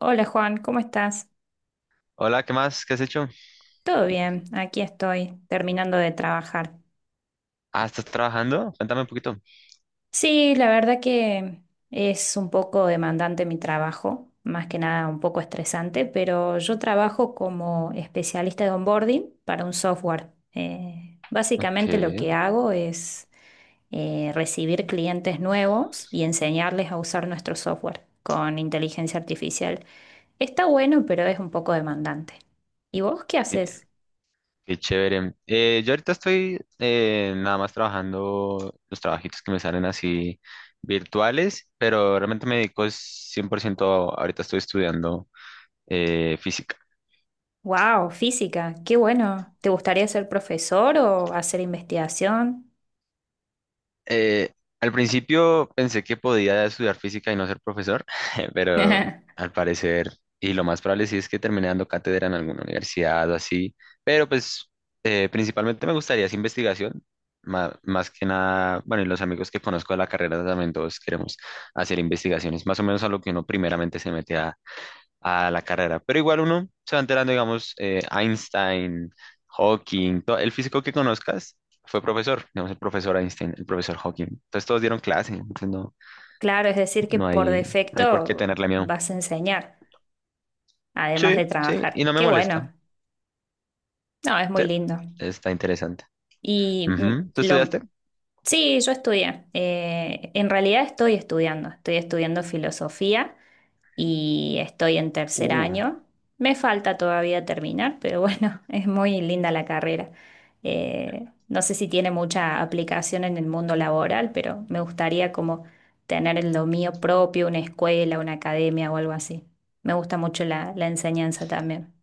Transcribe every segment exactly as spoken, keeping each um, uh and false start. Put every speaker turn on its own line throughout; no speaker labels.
Hola, Juan, ¿cómo estás?
Hola, ¿qué más? ¿Qué has hecho?
Todo bien, aquí estoy terminando de trabajar.
Ah, ¿estás trabajando? Cuéntame un poquito.
Sí, la verdad que es un poco demandante mi trabajo, más que nada un poco estresante, pero yo trabajo como especialista de onboarding para un software. Eh,
Ok,
básicamente
qué,
lo que hago es eh, recibir clientes nuevos y enseñarles a usar nuestro software con inteligencia artificial. Está bueno, pero es un poco demandante. ¿Y vos qué haces?
qué chévere. Eh, yo ahorita estoy eh, nada más trabajando los trabajitos que me salen así virtuales, pero realmente me dedico es cien por ciento. Ahorita estoy estudiando eh, física.
Wow, física, qué bueno. ¿Te gustaría ser profesor o hacer investigación?
Eh, Al principio pensé que podía estudiar física y no ser profesor, pero al parecer, y lo más probable sí es que termine dando cátedra en alguna universidad o así, pero pues eh, principalmente me gustaría esa investigación, ma- más, que nada, bueno, y los amigos que conozco de la carrera también todos queremos hacer investigaciones, más o menos a lo que uno primeramente se mete a la carrera. Pero igual uno se va enterando, digamos, eh, Einstein, Hawking, to- el físico que conozcas fue profesor, digamos, el profesor Einstein, el profesor Hawking. Entonces todos dieron clase, entonces no,
Claro, es decir, que
no
por
hay, no hay por qué
defecto
tenerle miedo.
vas a enseñar, además
Sí,
de
sí, y
trabajar.
no me
Qué
molesta.
bueno. No, es muy
Sí,
lindo.
está interesante.
Y mm,
Ujú. ¿Tú
lo,
estudiaste?
sí, yo estudié. Eh, en realidad estoy estudiando. Estoy estudiando filosofía y estoy en tercer
Uh,
año. Me falta todavía terminar, pero bueno, es muy linda la carrera. Eh, no sé si tiene mucha aplicación en el mundo laboral, pero me gustaría como tener lo mío propio, una escuela, una academia o algo así. Me gusta mucho la, la enseñanza también.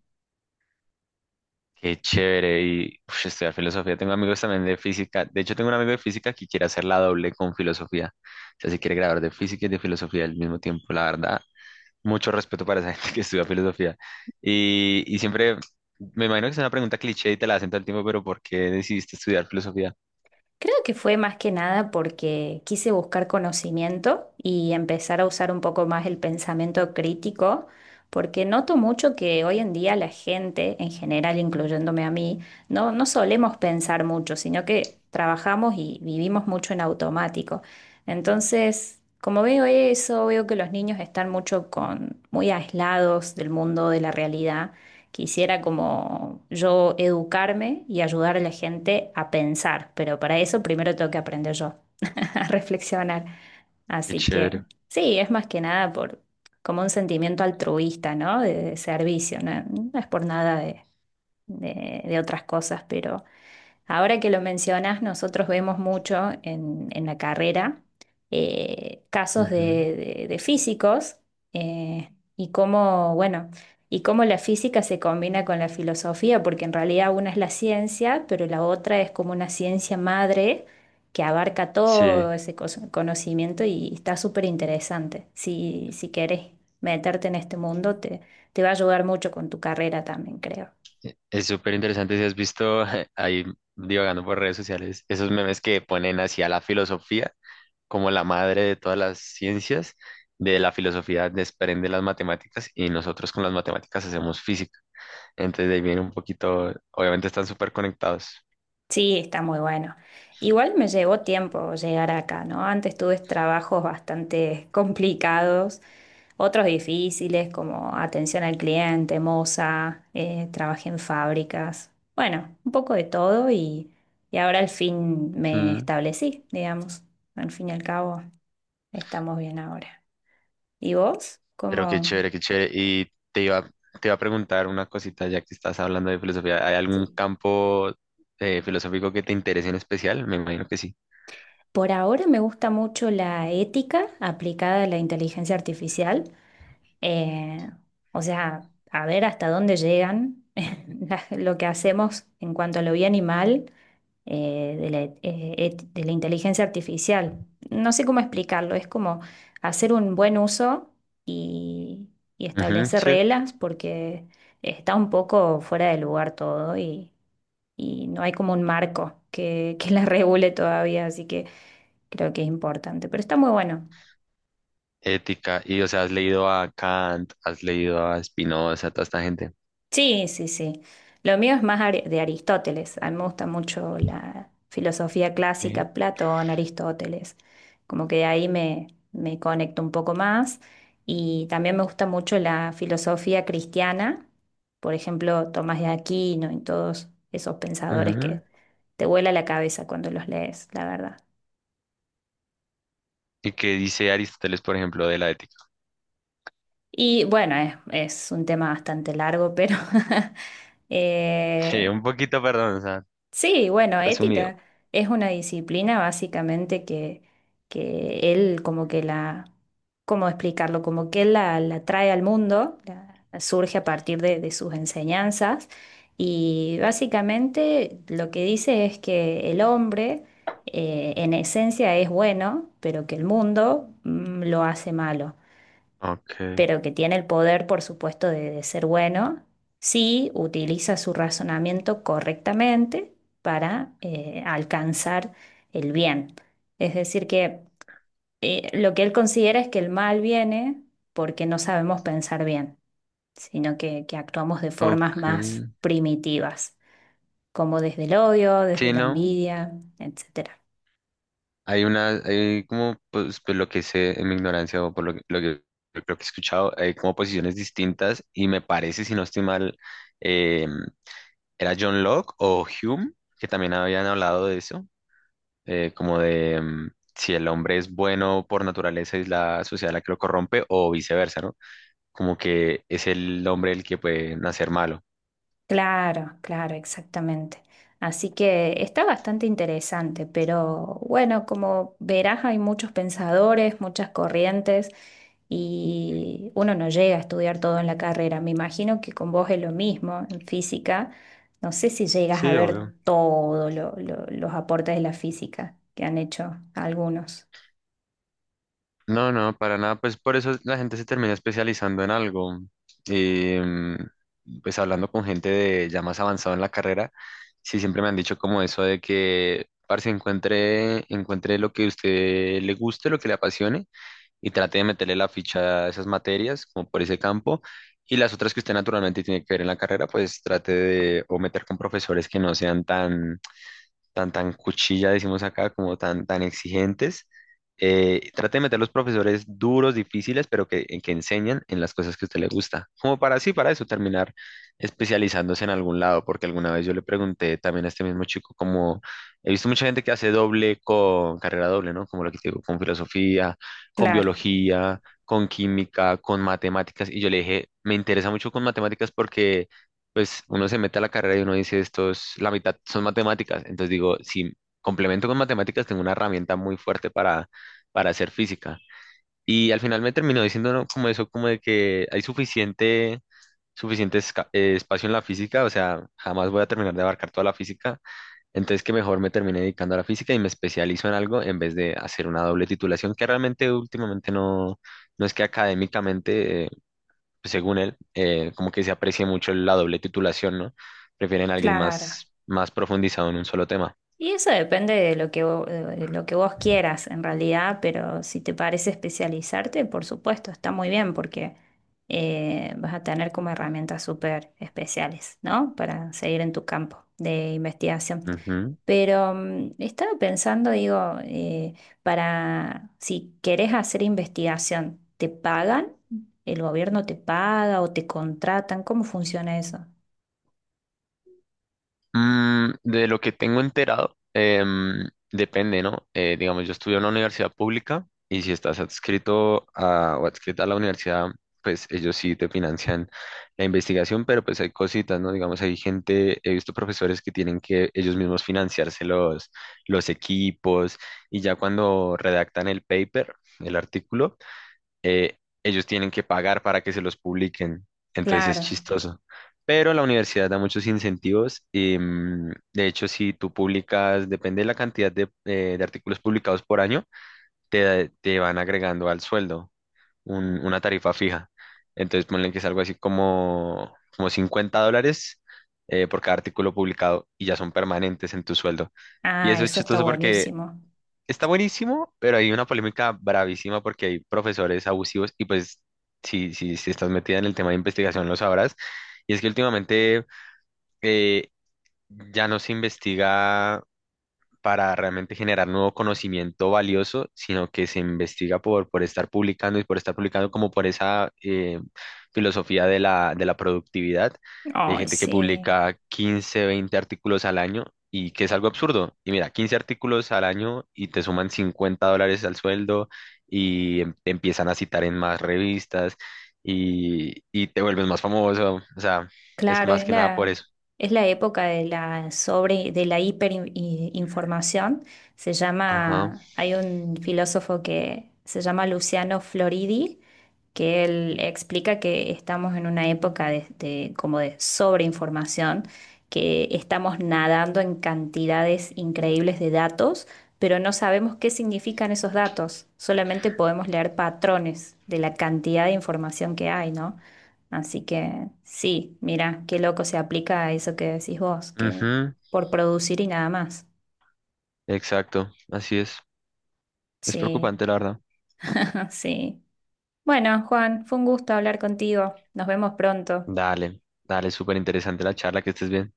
qué chévere. Y uf, estudiar filosofía. Tengo amigos también de física. De hecho, tengo un amigo de física que quiere hacer la doble con filosofía. O sea, si quiere graduar de física y de filosofía al mismo tiempo, la verdad. Mucho respeto para esa gente que estudia filosofía. Y, y siempre, me imagino que es una pregunta cliché y te la hacen todo el tiempo, pero ¿por qué decidiste estudiar filosofía?
Creo que fue más que nada porque quise buscar conocimiento y empezar a usar un poco más el pensamiento crítico, porque noto mucho que hoy en día la gente, en general, incluyéndome a mí, no, no solemos pensar mucho, sino que trabajamos y vivimos mucho en automático. Entonces, como veo eso, veo que los niños están mucho con, muy aislados del mundo, de la realidad. Quisiera como yo educarme y ayudar a la gente a pensar, pero para eso primero tengo que aprender yo a reflexionar.
Qué
Así que
chévere.
sí, es más que nada por como un sentimiento altruista, ¿no? De, de servicio, ¿no? No es por nada de, de- de otras cosas, pero ahora que lo mencionas, nosotros vemos mucho en, en la carrera eh, casos
Ujú.
de, de- de físicos, eh, y cómo, bueno, y cómo la física se combina con la filosofía, porque en realidad una es la ciencia, pero la otra es como una ciencia madre que abarca todo
Sí,
ese cos- conocimiento y está súper interesante. Si, si querés meterte en este mundo, te, te va a ayudar mucho con tu carrera también, creo.
e- es súper interesante si has visto ahí divagando por redes sociales esos memes que ponen hacia la filosofía como la madre de todas las ciencias, de la filosofía desprende las matemáticas y nosotros con las matemáticas hacemos física. Entonces de ahí viene un poquito, obviamente están súper conectados.
Sí, está muy bueno. Igual me llevó tiempo llegar acá, ¿no? Antes tuve trabajos bastante complicados, otros difíciles como atención al cliente, moza, eh, trabajé en fábricas, bueno, un poco de todo y, y ahora al fin me establecí, digamos. Al fin y al cabo, estamos bien ahora. ¿Y vos?
Pero qué
¿Cómo?
chévere, qué chévere. Y te iba, te iba a preguntar una cosita, ya que estás hablando de filosofía. ¿Hay algún
Sí.
campo eh, filosófico que te interese en especial? Me imagino que sí.
Por ahora me gusta mucho la ética aplicada a la inteligencia artificial. Eh, o sea, a ver hasta dónde llegan la- lo que hacemos en cuanto a lo bien y mal, eh, de la, eh, et- de la inteligencia artificial. No sé cómo explicarlo, es como hacer un buen uso y, y
Ujú,
establecer
sí.
reglas porque está un poco fuera de lugar todo y, y no hay como un marco que, que la regule todavía, así que creo que es importante. Pero está muy bueno.
Ética. Y, o sea, has leído a Kant, has leído a Spinoza, a toda esta gente.
Sí, sí, sí. Lo mío es más ari- de Aristóteles. A mí me gusta mucho la filosofía
Ok.
clásica, Platón, Aristóteles. Como que ahí me, me conecto un poco más. Y también me gusta mucho la filosofía cristiana, por ejemplo, Tomás de Aquino y todos esos pensadores
Ujú.
que te vuela la cabeza cuando los lees, la verdad.
¿Y qué dice Aristóteles, por ejemplo, de la ética?
Y bueno, es, es un tema bastante largo, pero
Sí,
eh,
un poquito, perdón, o sea,
sí, bueno,
resumido.
ética es una disciplina básicamente que, que él como que la, ¿cómo explicarlo? Como que él la, la trae al mundo, la- surge a partir de, de sus enseñanzas y básicamente lo que dice es que el hombre, eh, en esencia, es bueno, pero que el mundo mm, lo hace malo,
Ok,
pero que tiene el poder, por supuesto, de, de ser bueno, si utiliza su razonamiento correctamente para eh, alcanzar el bien. Es decir, que eh, lo que él considera es que el mal viene porque no sabemos pensar bien, sino que, que actuamos de formas
ok.
más primitivas, como desde el odio, desde
Sí,
la
¿no?
envidia, etcétera.
Hay una, hay como, pues, pues, lo que sé en mi ignorancia o por lo, que lo que lo que he escuchado, hay como posiciones distintas y me parece, si no estoy mal, eh, era John Locke o Hume, que también habían hablado de eso, eh, como de mm, si el hombre es bueno por naturaleza es la sociedad la que lo corrompe o viceversa, ¿no? Como que es el hombre el que puede nacer malo.
Claro, claro, exactamente. Así que está bastante interesante, pero bueno, como verás, hay muchos pensadores, muchas corrientes y uno no llega a estudiar todo en la carrera. Me imagino que con vos es lo mismo en física. No sé si llegas a
Sí,
ver
obvio.
todos los aportes de la física que han hecho algunos.
No, no, para nada. Pues por eso la gente se termina especializando en algo. Y mm, pues hablando con gente de ya más avanzado en la carrera, sí siempre me han dicho como eso de que, parce, encuentre, encuentre lo que a usted le guste, lo que le apasione y trate de meterle la ficha a esas materias, como por ese campo. Y las otras que usted naturalmente tiene que ver en la carrera, pues trate de o meter con profesores que no sean tan tan, tan cuchilla, decimos acá, como tan, tan exigentes. Eh, trate de meter los profesores duros, difíciles, pero que, en que enseñan en las cosas que a usted le gusta. Como para así, para eso, terminar especializándose en algún lado, porque alguna vez yo le pregunté también a este mismo chico, como he visto mucha gente que hace doble con carrera doble, ¿no? Como lo que te digo, con filosofía, con
Claro,
biología, con química, con matemáticas. Y yo le dije, me interesa mucho con matemáticas porque pues uno se mete a la carrera y uno dice, estos, la mitad son matemáticas. Entonces digo, si complemento con matemáticas, tengo una herramienta muy fuerte para, para hacer física. Y al final me terminó diciendo ¿no? como eso, como de que hay suficiente, suficiente esca- eh, espacio en la física, o sea, jamás voy a terminar de abarcar toda la física. Entonces que mejor me terminé dedicando a la física y me especializo en algo en vez de hacer una doble titulación, que realmente últimamente no, no es que académicamente eh, pues, según él, eh, como que se aprecia mucho la doble titulación, ¿no? Prefieren a alguien
claro.
más, más profundizado en un solo tema.
Y eso depende de lo que, vo- de lo que vos quieras en realidad, pero si te parece especializarte, por supuesto, está muy bien porque eh, vas a tener como herramientas súper especiales, ¿no? Para seguir en tu campo de investigación.
Ujú.
Pero mm, estaba pensando, digo, eh, para si querés hacer investigación, ¿te pagan? ¿El gobierno te paga o te contratan? ¿Cómo funciona eso?
Mm, de lo que tengo enterado, em, depende, ¿no? Eh, digamos, yo estudié en una universidad pública y si estás adscrito a, o adscrita a la universidad, pues ellos sí te financian la investigación, pero pues hay cositas, ¿no? Digamos, hay gente, he visto profesores que tienen que ellos mismos financiarse los, los equipos y ya cuando redactan el paper, el artículo, eh, ellos tienen que pagar para que se los publiquen. Entonces es
Claro.
chistoso. Pero la universidad da muchos incentivos y mm, de hecho si tú publicas, depende de la cantidad de, eh, de artículos publicados por año, te, da- te van agregando al sueldo un- una tarifa fija. Entonces ponle que es algo así como, como cincuenta dólares eh, por cada artículo publicado y ya son permanentes en tu sueldo. Y
Ah,
eso es
eso está
chistoso porque
buenísimo.
está buenísimo, pero hay una polémica bravísima porque hay profesores abusivos y pues si, si, si estás metida en el tema de investigación lo sabrás. Y es que últimamente eh, ya no se investiga para realmente generar nuevo conocimiento valioso, sino que se investiga por, por estar publicando y por estar publicando como por esa eh, filosofía de la, de la productividad. Hay
Ay,
gente que
sí.
publica quince, veinte artículos al año y que es algo absurdo. Y mira, quince artículos al año y te suman cincuenta dólares al sueldo y em- te empiezan a citar en más revistas y, y te vuelves más famoso. O sea, es
Claro,
más
es
que nada por
la,
eso.
es la época de la sobre, de la hiperinformación. Se
Ajá.
llama, hay un filósofo que se llama Luciano Floridi, que él explica que estamos en una época de, de- como de sobreinformación, que estamos nadando en cantidades increíbles de datos, pero no sabemos qué significan esos datos. Solamente podemos leer patrones de la cantidad de información que hay, ¿no? Así que sí, mira, qué loco se aplica a eso que decís vos, que
Ujú,
por producir y nada más.
exacto. Así es. Es
Sí,
preocupante, la verdad.
sí. Bueno, Juan, fue un gusto hablar contigo. Nos vemos pronto.
Dale, dale, súper interesante la charla, que estés bien.